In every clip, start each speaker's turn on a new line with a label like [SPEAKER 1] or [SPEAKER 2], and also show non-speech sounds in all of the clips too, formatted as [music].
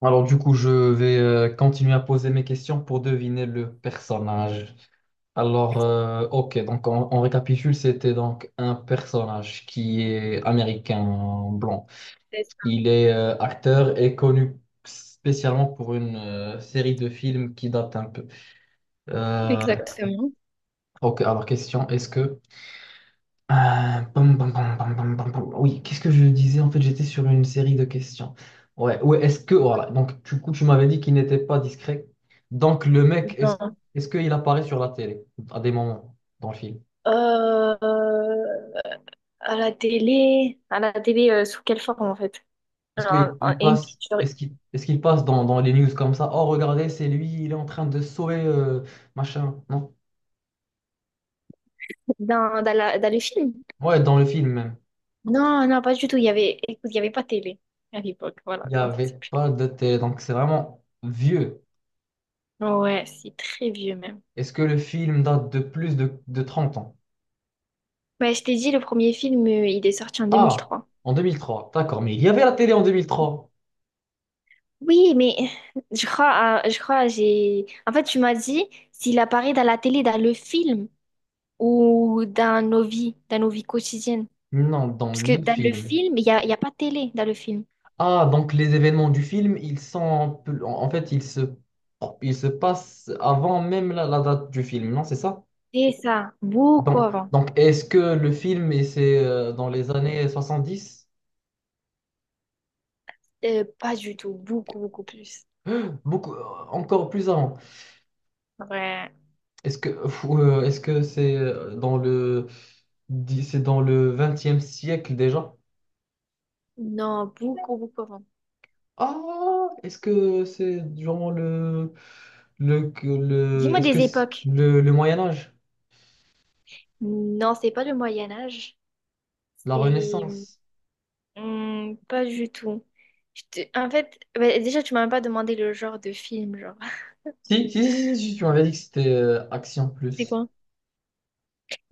[SPEAKER 1] Alors, du coup, je vais continuer à poser mes questions pour deviner le personnage. Alors, ok, donc on récapitule, c'était donc un personnage qui est américain blanc.
[SPEAKER 2] C'est ça.
[SPEAKER 1] Il est acteur et connu spécialement pour une série de films qui date un peu. Euh,
[SPEAKER 2] Exactement.
[SPEAKER 1] ok, alors question, est-ce que... pom, pom, pom, pom, pom, pom, pom. Oui, qu'est-ce que je disais? En fait, j'étais sur une série de questions. Ouais, ouais, est-ce que, voilà, donc du coup, tu m'avais dit qu'il n'était pas discret. Donc, le mec, est-ce
[SPEAKER 2] Non.
[SPEAKER 1] est-ce qu'il apparaît sur la télé à des moments dans le film?
[SPEAKER 2] Euh, alors,
[SPEAKER 1] Est-ce qu'il il passe, est-ce qu'il passe dans les news comme ça? Oh, regardez, c'est lui, il est en train de sauver machin. Non?
[SPEAKER 2] dans dans le film?
[SPEAKER 1] Ouais, dans le film même.
[SPEAKER 2] Non, non, pas du tout. Il y avait, écoute, il y avait pas de télé. À l'époque,
[SPEAKER 1] Il
[SPEAKER 2] voilà,
[SPEAKER 1] n'y
[SPEAKER 2] quand ça s'est
[SPEAKER 1] avait
[SPEAKER 2] plus.
[SPEAKER 1] pas de télé, donc c'est vraiment vieux.
[SPEAKER 2] Ouais, c'est très vieux même.
[SPEAKER 1] Est-ce que le film date de plus de 30 ans?
[SPEAKER 2] Ouais, je t'ai dit, le premier film, il est sorti en deux mille
[SPEAKER 1] Ah,
[SPEAKER 2] trois.
[SPEAKER 1] en 2003, d'accord, mais il y avait la télé en 2003.
[SPEAKER 2] Oui, mais je crois, j'ai... En fait, tu m'as dit s'il apparaît dans la télé, dans le film ou dans nos vies quotidiennes.
[SPEAKER 1] Non, dans
[SPEAKER 2] Parce que
[SPEAKER 1] le
[SPEAKER 2] dans le
[SPEAKER 1] film.
[SPEAKER 2] film, il y a pas de télé dans le film.
[SPEAKER 1] Ah, donc les événements du film, ils sont en fait, ils se passent avant même la date du film, non, c'est ça?
[SPEAKER 2] C'est ça, beaucoup
[SPEAKER 1] Donc,
[SPEAKER 2] avant.
[SPEAKER 1] donc est-ce que le film, et c'est dans les années 70?
[SPEAKER 2] Pas du tout, beaucoup, beaucoup plus.
[SPEAKER 1] Beaucoup, encore plus avant.
[SPEAKER 2] Ouais.
[SPEAKER 1] Est-ce que, est-ce que c'est c'est dans le XXe siècle déjà?
[SPEAKER 2] Non, beaucoup, beaucoup avant.
[SPEAKER 1] Ah, est-ce que c'est durant le...
[SPEAKER 2] Dis-moi
[SPEAKER 1] est-ce que
[SPEAKER 2] des
[SPEAKER 1] c'est-
[SPEAKER 2] époques.
[SPEAKER 1] le, le Moyen Âge,
[SPEAKER 2] Non, c'est pas le Moyen Âge.
[SPEAKER 1] la
[SPEAKER 2] C'est
[SPEAKER 1] Renaissance?
[SPEAKER 2] pas du tout. En fait, bah, déjà, tu m'as même pas demandé le genre de film, genre.
[SPEAKER 1] Si, si, si, si, si, tu m'avais dit que c'était action
[SPEAKER 2] C'est
[SPEAKER 1] plus
[SPEAKER 2] quoi?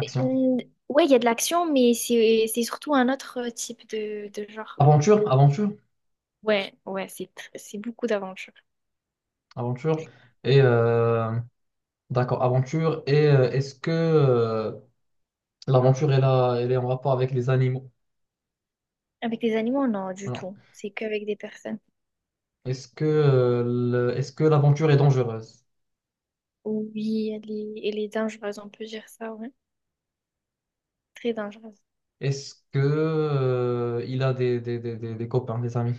[SPEAKER 2] C'est-
[SPEAKER 1] action.
[SPEAKER 2] hum, Ouais, il y a de l'action, mais c'est surtout un autre type de genre.
[SPEAKER 1] Aventure, aventure,
[SPEAKER 2] Ouais, ouais, c'est beaucoup d'aventures.
[SPEAKER 1] aventure. Et d'accord, aventure. Et est-ce que l'aventure est là, elle est en rapport avec les animaux?
[SPEAKER 2] Avec les animaux, non, du
[SPEAKER 1] Non.
[SPEAKER 2] tout. C'est qu'avec des personnes.
[SPEAKER 1] Est-ce que est-ce que l'aventure est dangereuse?
[SPEAKER 2] Oui, elle est dangereuse, on peut dire ça, ouais. Très dangereuse.
[SPEAKER 1] Est-ce que il a des copains, des amis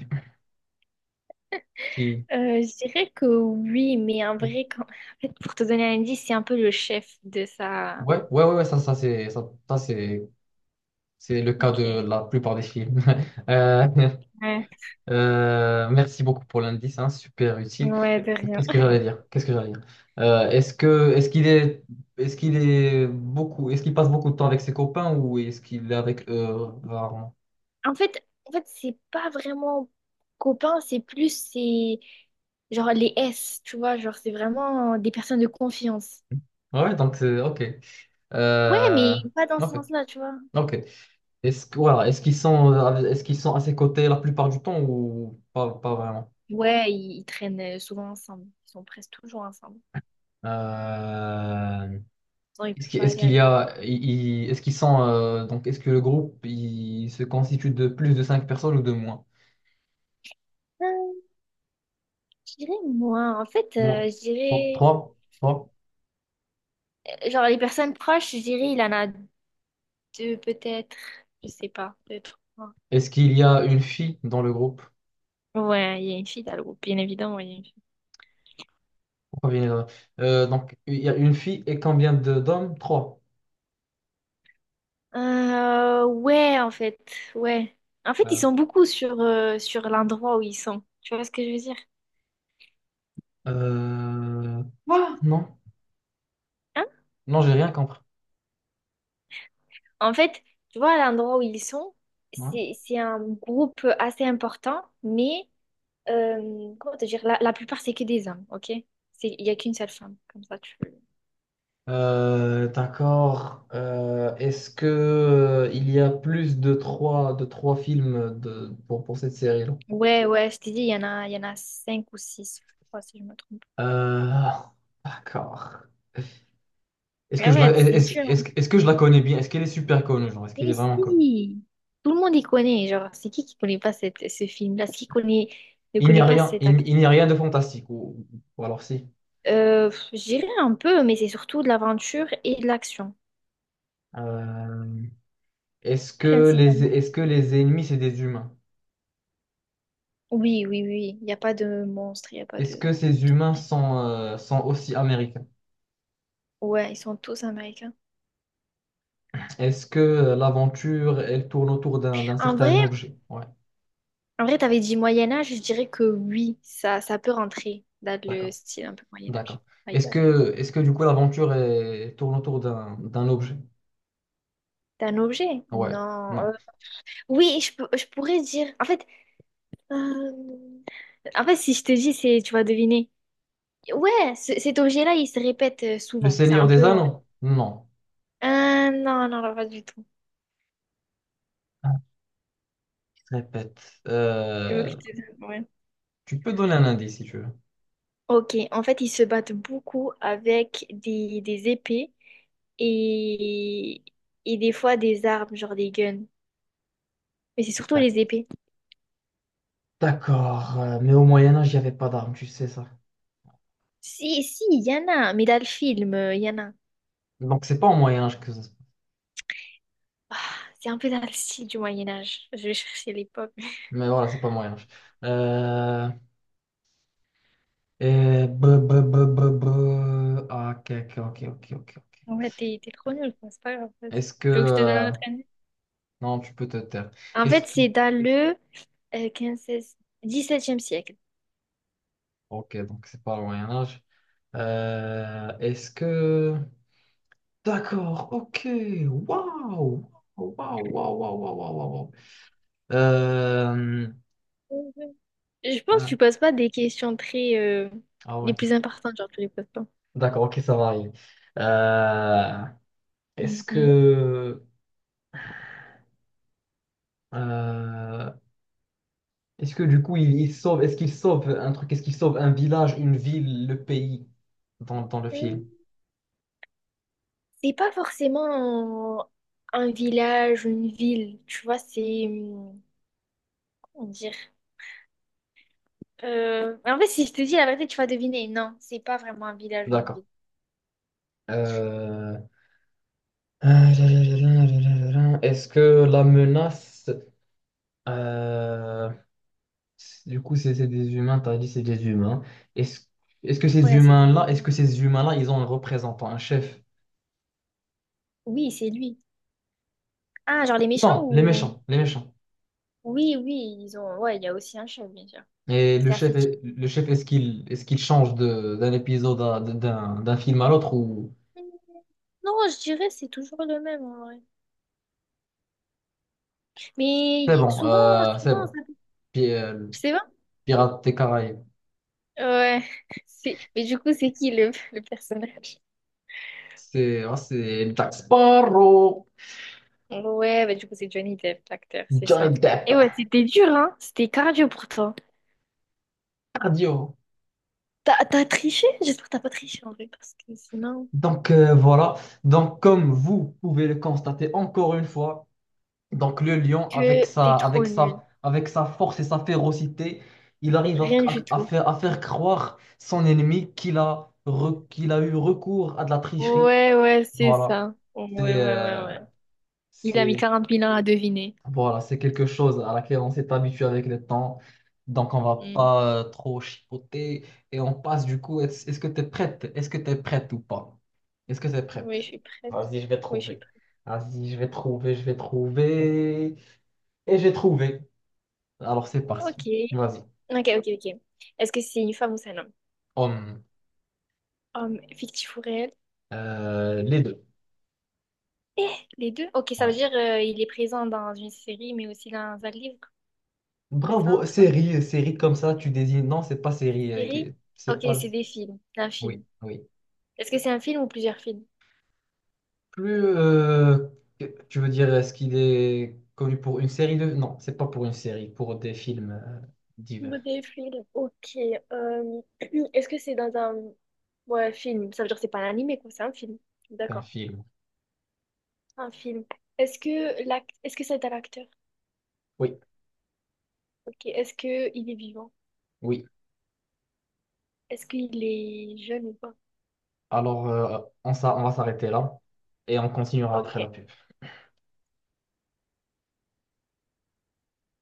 [SPEAKER 1] qui...
[SPEAKER 2] Je dirais que oui, mais en
[SPEAKER 1] Ouais,
[SPEAKER 2] vrai, en fait, pour te donner un indice, c'est un peu le chef de sa...
[SPEAKER 1] ouais, ouais, ouais, ça, ça c'est le cas de
[SPEAKER 2] Ok.
[SPEAKER 1] la plupart des films. [laughs] Euh,
[SPEAKER 2] Ouais,
[SPEAKER 1] merci beaucoup pour l'indice, hein, super utile.
[SPEAKER 2] ouais, de rien.
[SPEAKER 1] Qu'est-ce que j'allais dire? Qu'est-ce que j'allais dire? Euh, est-ce que est-ce qu'il est est-ce qu'il passe beaucoup de temps avec ses copains ou est-ce qu'il est avec eux rarement?
[SPEAKER 2] En fait, c'est pas vraiment copain, c'est plus, c'est genre les S, tu vois, genre c'est vraiment des personnes de confiance.
[SPEAKER 1] Ouais, donc c'est ok.
[SPEAKER 2] Ouais,
[SPEAKER 1] Euh,
[SPEAKER 2] mais pas dans ce
[SPEAKER 1] ok,
[SPEAKER 2] sens-là, tu vois.
[SPEAKER 1] ok. Est-ce qu'ils sont à ses côtés la plupart du temps ou pas, pas vraiment?
[SPEAKER 2] Ouais, ils traînent souvent ensemble, ils sont presque toujours ensemble.
[SPEAKER 1] Euh,
[SPEAKER 2] Sinon, ils peuvent pas
[SPEAKER 1] Est-ce
[SPEAKER 2] aller
[SPEAKER 1] qu'il y
[SPEAKER 2] ailleurs.
[SPEAKER 1] a, Donc, est-ce que le groupe il se constitue de plus de cinq personnes ou de moins?
[SPEAKER 2] Euh, je dirais moi, en fait,
[SPEAKER 1] Moins.
[SPEAKER 2] je
[SPEAKER 1] Trois.
[SPEAKER 2] dirais,
[SPEAKER 1] Trois. Trois.
[SPEAKER 2] genre les personnes proches, je dirais, il en a deux peut-être, je sais pas, deux, trois.
[SPEAKER 1] Est-ce qu'il y a une fille dans le groupe?
[SPEAKER 2] Ouais, il y a une fille dans le groupe, bien évidemment, il y a une fille.
[SPEAKER 1] Pourquoi il y en a- donc il y a une fille et combien de d'hommes? Trois.
[SPEAKER 2] Ouais, en fait, ouais. En fait, ils
[SPEAKER 1] Voilà.
[SPEAKER 2] sont beaucoup sur, sur l'endroit où ils sont. Tu vois ce que je veux dire?
[SPEAKER 1] Voilà, non.
[SPEAKER 2] Hein.
[SPEAKER 1] Non, j'ai rien compris.
[SPEAKER 2] En fait, tu vois, à l'endroit où ils sont,
[SPEAKER 1] Voilà.
[SPEAKER 2] c'est un groupe assez important, mais comment te dire, la plupart, c'est que des hommes, ok? Il n'y a qu'une seule femme, comme ça, tu...
[SPEAKER 1] D'accord. Est-ce que il y a plus de trois films pour cette série-là?
[SPEAKER 2] Ouais, ouais, je t'ai dit, il y en a cinq ou six, je crois, si je me trompe.
[SPEAKER 1] Euh, d'accord.
[SPEAKER 2] Ah ouais, c'est dur, hein.
[SPEAKER 1] Est-ce que je la connais bien? Est-ce qu'elle est super connue, genre? Est-ce qu'elle est
[SPEAKER 2] Mais
[SPEAKER 1] vraiment connue?
[SPEAKER 2] si, tout le monde y connaît. Genre, c'est qui connaît pas ce film-là? C'est qui ne
[SPEAKER 1] Il n'y
[SPEAKER 2] connaît
[SPEAKER 1] a
[SPEAKER 2] pas
[SPEAKER 1] rien,
[SPEAKER 2] cet acteur?
[SPEAKER 1] il n'y a rien de fantastique, ou alors si.
[SPEAKER 2] Je dirais un peu, mais c'est surtout de l'aventure et de l'action,
[SPEAKER 1] Euh,
[SPEAKER 2] principalement.
[SPEAKER 1] Est-ce que les ennemis, c'est des humains?
[SPEAKER 2] Oui, oui, oui. Il n'y a pas de monstre, il n'y a pas
[SPEAKER 1] Est-ce que
[SPEAKER 2] de...
[SPEAKER 1] ces humains sont aussi américains?
[SPEAKER 2] Ouais, ils sont tous américains.
[SPEAKER 1] Est-ce que l'aventure, elle tourne autour d'un
[SPEAKER 2] En
[SPEAKER 1] certain
[SPEAKER 2] vrai,
[SPEAKER 1] objet? Ouais,
[SPEAKER 2] en vrai, t'avais dit Moyen-Âge, je dirais que oui, ça peut rentrer dans le
[SPEAKER 1] d'accord,
[SPEAKER 2] style un peu
[SPEAKER 1] d'accord.
[SPEAKER 2] Moyen-Âge. My bad.
[SPEAKER 1] Est-ce que du coup, l'aventure, elle tourne autour d'un objet?
[SPEAKER 2] T'as un objet?
[SPEAKER 1] Ouais,
[SPEAKER 2] Non.
[SPEAKER 1] non.
[SPEAKER 2] Oui, je pourrais dire... euh, en fait, si je te dis, tu vas deviner. Ouais, cet objet-là, il se répète
[SPEAKER 1] Le
[SPEAKER 2] souvent. C'est
[SPEAKER 1] Seigneur
[SPEAKER 2] un
[SPEAKER 1] des
[SPEAKER 2] peu, en mode...
[SPEAKER 1] Anneaux? Non.
[SPEAKER 2] Ah, non, non, non, pas du tout.
[SPEAKER 1] Répète.
[SPEAKER 2] Tu veux que je te dise? Ouais.
[SPEAKER 1] Tu peux donner un indice si tu veux.
[SPEAKER 2] Ok, en fait, ils se battent beaucoup avec des épées et, et des fois des armes, genre des guns. Mais c'est surtout
[SPEAKER 1] D'ac-
[SPEAKER 2] les épées.
[SPEAKER 1] D'accord, mais au Moyen Âge, il n'y avait pas d'armes, tu sais ça.
[SPEAKER 2] Si, si, il y en a, mais dans le film, il y en a.
[SPEAKER 1] Donc, c'est pas au Moyen-Âge que ça se passe.
[SPEAKER 2] Ah, c'est un peu dans le style du Moyen-Âge. Je vais chercher l'époque. [laughs]
[SPEAKER 1] Mais voilà, c'est pas au Moyen-Âge. Euh, et... b b b b b. Ah, ok, ok, ok, ok, ok. Ok.
[SPEAKER 2] En fait, t'es trop nul, quoi, c'est pas grave. Vas-y.
[SPEAKER 1] Est-ce que...
[SPEAKER 2] Tu veux que je te donne un autre indice?
[SPEAKER 1] Non, tu peux te taire.
[SPEAKER 2] En
[SPEAKER 1] Est-ce
[SPEAKER 2] fait,
[SPEAKER 1] que...
[SPEAKER 2] c'est dans le quinze seize dix septième siècle.
[SPEAKER 1] Ok, donc c'est pas au Moyen-Âge. Est-ce que... D'accord, ok. Waouh! Waouh, waouh, waouh, waouh, waouh, waouh, waouh. Euh,
[SPEAKER 2] Je pense que
[SPEAKER 1] Ah,
[SPEAKER 2] tu poses pas des questions très
[SPEAKER 1] ah,
[SPEAKER 2] les
[SPEAKER 1] ouais.
[SPEAKER 2] plus importantes, genre tu les poses pas.
[SPEAKER 1] D'accord, ok, ça varie. Euh, est-ce
[SPEAKER 2] Mhm.
[SPEAKER 1] que, euh, Est-ce que du coup, il sauve, est-ce qu'il sauve un truc, est-ce qu'il sauve un village, une ville, le pays dans le film?
[SPEAKER 2] Mm. C'est pas forcément un village ou une ville, tu vois, c'est comment dire. En fait, si je te dis la vérité, tu vas deviner. Non, c'est pas vraiment un village ou une
[SPEAKER 1] D'accord.
[SPEAKER 2] ville.
[SPEAKER 1] Euh, Est-ce que la menace, euh, du coup, c'est des humains, t'as dit c'est des humains. Est-ce, Est-ce que ces
[SPEAKER 2] Ouais, c'est des
[SPEAKER 1] humains-là, est-ce
[SPEAKER 2] humains.
[SPEAKER 1] que ces humains-là, ils ont un représentant, un chef?
[SPEAKER 2] Oui, c'est lui. Ah, genre les méchants
[SPEAKER 1] Non, les
[SPEAKER 2] ou...
[SPEAKER 1] méchants, les méchants.
[SPEAKER 2] Oui, oui, ils ont. Ouais, il y a aussi un chef, bien sûr.
[SPEAKER 1] Et le
[SPEAKER 2] C'est
[SPEAKER 1] chef,
[SPEAKER 2] assez typique.
[SPEAKER 1] est-ce qu'il change d'un épisode à... d'un film à l'autre ou
[SPEAKER 2] Hum, Non, je dirais c'est toujours le même en vrai.
[SPEAKER 1] c'est
[SPEAKER 2] Mais
[SPEAKER 1] bon,
[SPEAKER 2] souvent,
[SPEAKER 1] c'est
[SPEAKER 2] souvent,
[SPEAKER 1] bon.
[SPEAKER 2] ça...
[SPEAKER 1] Puis,
[SPEAKER 2] C'est...
[SPEAKER 1] Pirates des Caraïbes,
[SPEAKER 2] Ouais, c'est... mais du coup, c'est qui le personnage?
[SPEAKER 1] c'est ah, c'est Jack Sparrow,
[SPEAKER 2] Ouais, bah du coup, c'est Johnny Depp, l'acteur, c'est
[SPEAKER 1] Johnny
[SPEAKER 2] ça.
[SPEAKER 1] Depp,
[SPEAKER 2] Et ouais, c'était dur, hein? C'était cardio pour toi.
[SPEAKER 1] cardio.
[SPEAKER 2] T'as triché? J'espère que t'as pas triché en vrai, parce que sinon,
[SPEAKER 1] Donc, voilà. Donc, comme vous pouvez le constater encore une fois, donc le lion avec
[SPEAKER 2] que t'es
[SPEAKER 1] sa
[SPEAKER 2] trop
[SPEAKER 1] avec
[SPEAKER 2] nul.
[SPEAKER 1] sa avec sa force et sa férocité, il arrive
[SPEAKER 2] Rien du
[SPEAKER 1] à
[SPEAKER 2] tout.
[SPEAKER 1] faire croire son ennemi qu'il a qu'il a eu recours à de la tricherie.
[SPEAKER 2] Ouais, ouais, c'est
[SPEAKER 1] Voilà.
[SPEAKER 2] ça.
[SPEAKER 1] C'est
[SPEAKER 2] Ouais, ouais, ouais,
[SPEAKER 1] euh,
[SPEAKER 2] ouais. Il a mis
[SPEAKER 1] c'est
[SPEAKER 2] quarante 000 ans à deviner.
[SPEAKER 1] Voilà, c'est quelque chose à laquelle on s'est habitué avec le temps. Donc on va
[SPEAKER 2] Hmm.
[SPEAKER 1] pas trop chipoter et on passe du coup. Est-ce que tu es prête? Est-ce que tu es prête ou pas? Est-ce que tu es
[SPEAKER 2] Oui,
[SPEAKER 1] prête?
[SPEAKER 2] je suis prête.
[SPEAKER 1] Vas-y, je vais
[SPEAKER 2] Oui, je suis
[SPEAKER 1] trouver.
[SPEAKER 2] prête.
[SPEAKER 1] Vas-y, je vais trouver. Et j'ai trouvé. Alors c'est
[SPEAKER 2] Ok.
[SPEAKER 1] parti. Vas-y.
[SPEAKER 2] Ok, ok, ok. Est-ce que c'est une femme ou c'est un homme?
[SPEAKER 1] Hum,
[SPEAKER 2] Homme, fictif ou réel?
[SPEAKER 1] les deux.
[SPEAKER 2] Eh, les deux? Ok, ça veut
[SPEAKER 1] Ouais.
[SPEAKER 2] dire il est présent dans une série, mais aussi dans un livre, c'est ça, un
[SPEAKER 1] Bravo,
[SPEAKER 2] truc comme ça?
[SPEAKER 1] série, série comme ça, tu désignes. Non, c'est pas série.
[SPEAKER 2] Série?
[SPEAKER 1] C'est
[SPEAKER 2] Ok,
[SPEAKER 1] pas.
[SPEAKER 2] c'est des films, un
[SPEAKER 1] Oui,
[SPEAKER 2] film.
[SPEAKER 1] oui.
[SPEAKER 2] Est-ce que c'est un film ou plusieurs films?
[SPEAKER 1] plus, euh, Tu veux dire, est-ce qu'il est connu pour une série de... Non, c'est pas pour une série, pour des films divers.
[SPEAKER 2] Des films, ok. euh, [clears throat] Est-ce que c'est dans un ouais, film? Ça veut dire que c'est pas un animé, quoi, c'est un film.
[SPEAKER 1] C'est un
[SPEAKER 2] D'accord,
[SPEAKER 1] film.
[SPEAKER 2] un film. Est-ce que est-ce que c'est un acteur?
[SPEAKER 1] Oui,
[SPEAKER 2] Ok. Est-ce que il est vivant?
[SPEAKER 1] oui.
[SPEAKER 2] Est-ce qu'il est jeune ou pas?
[SPEAKER 1] Alors, on va s'arrêter là et on continuera
[SPEAKER 2] Ok.
[SPEAKER 1] après la pub.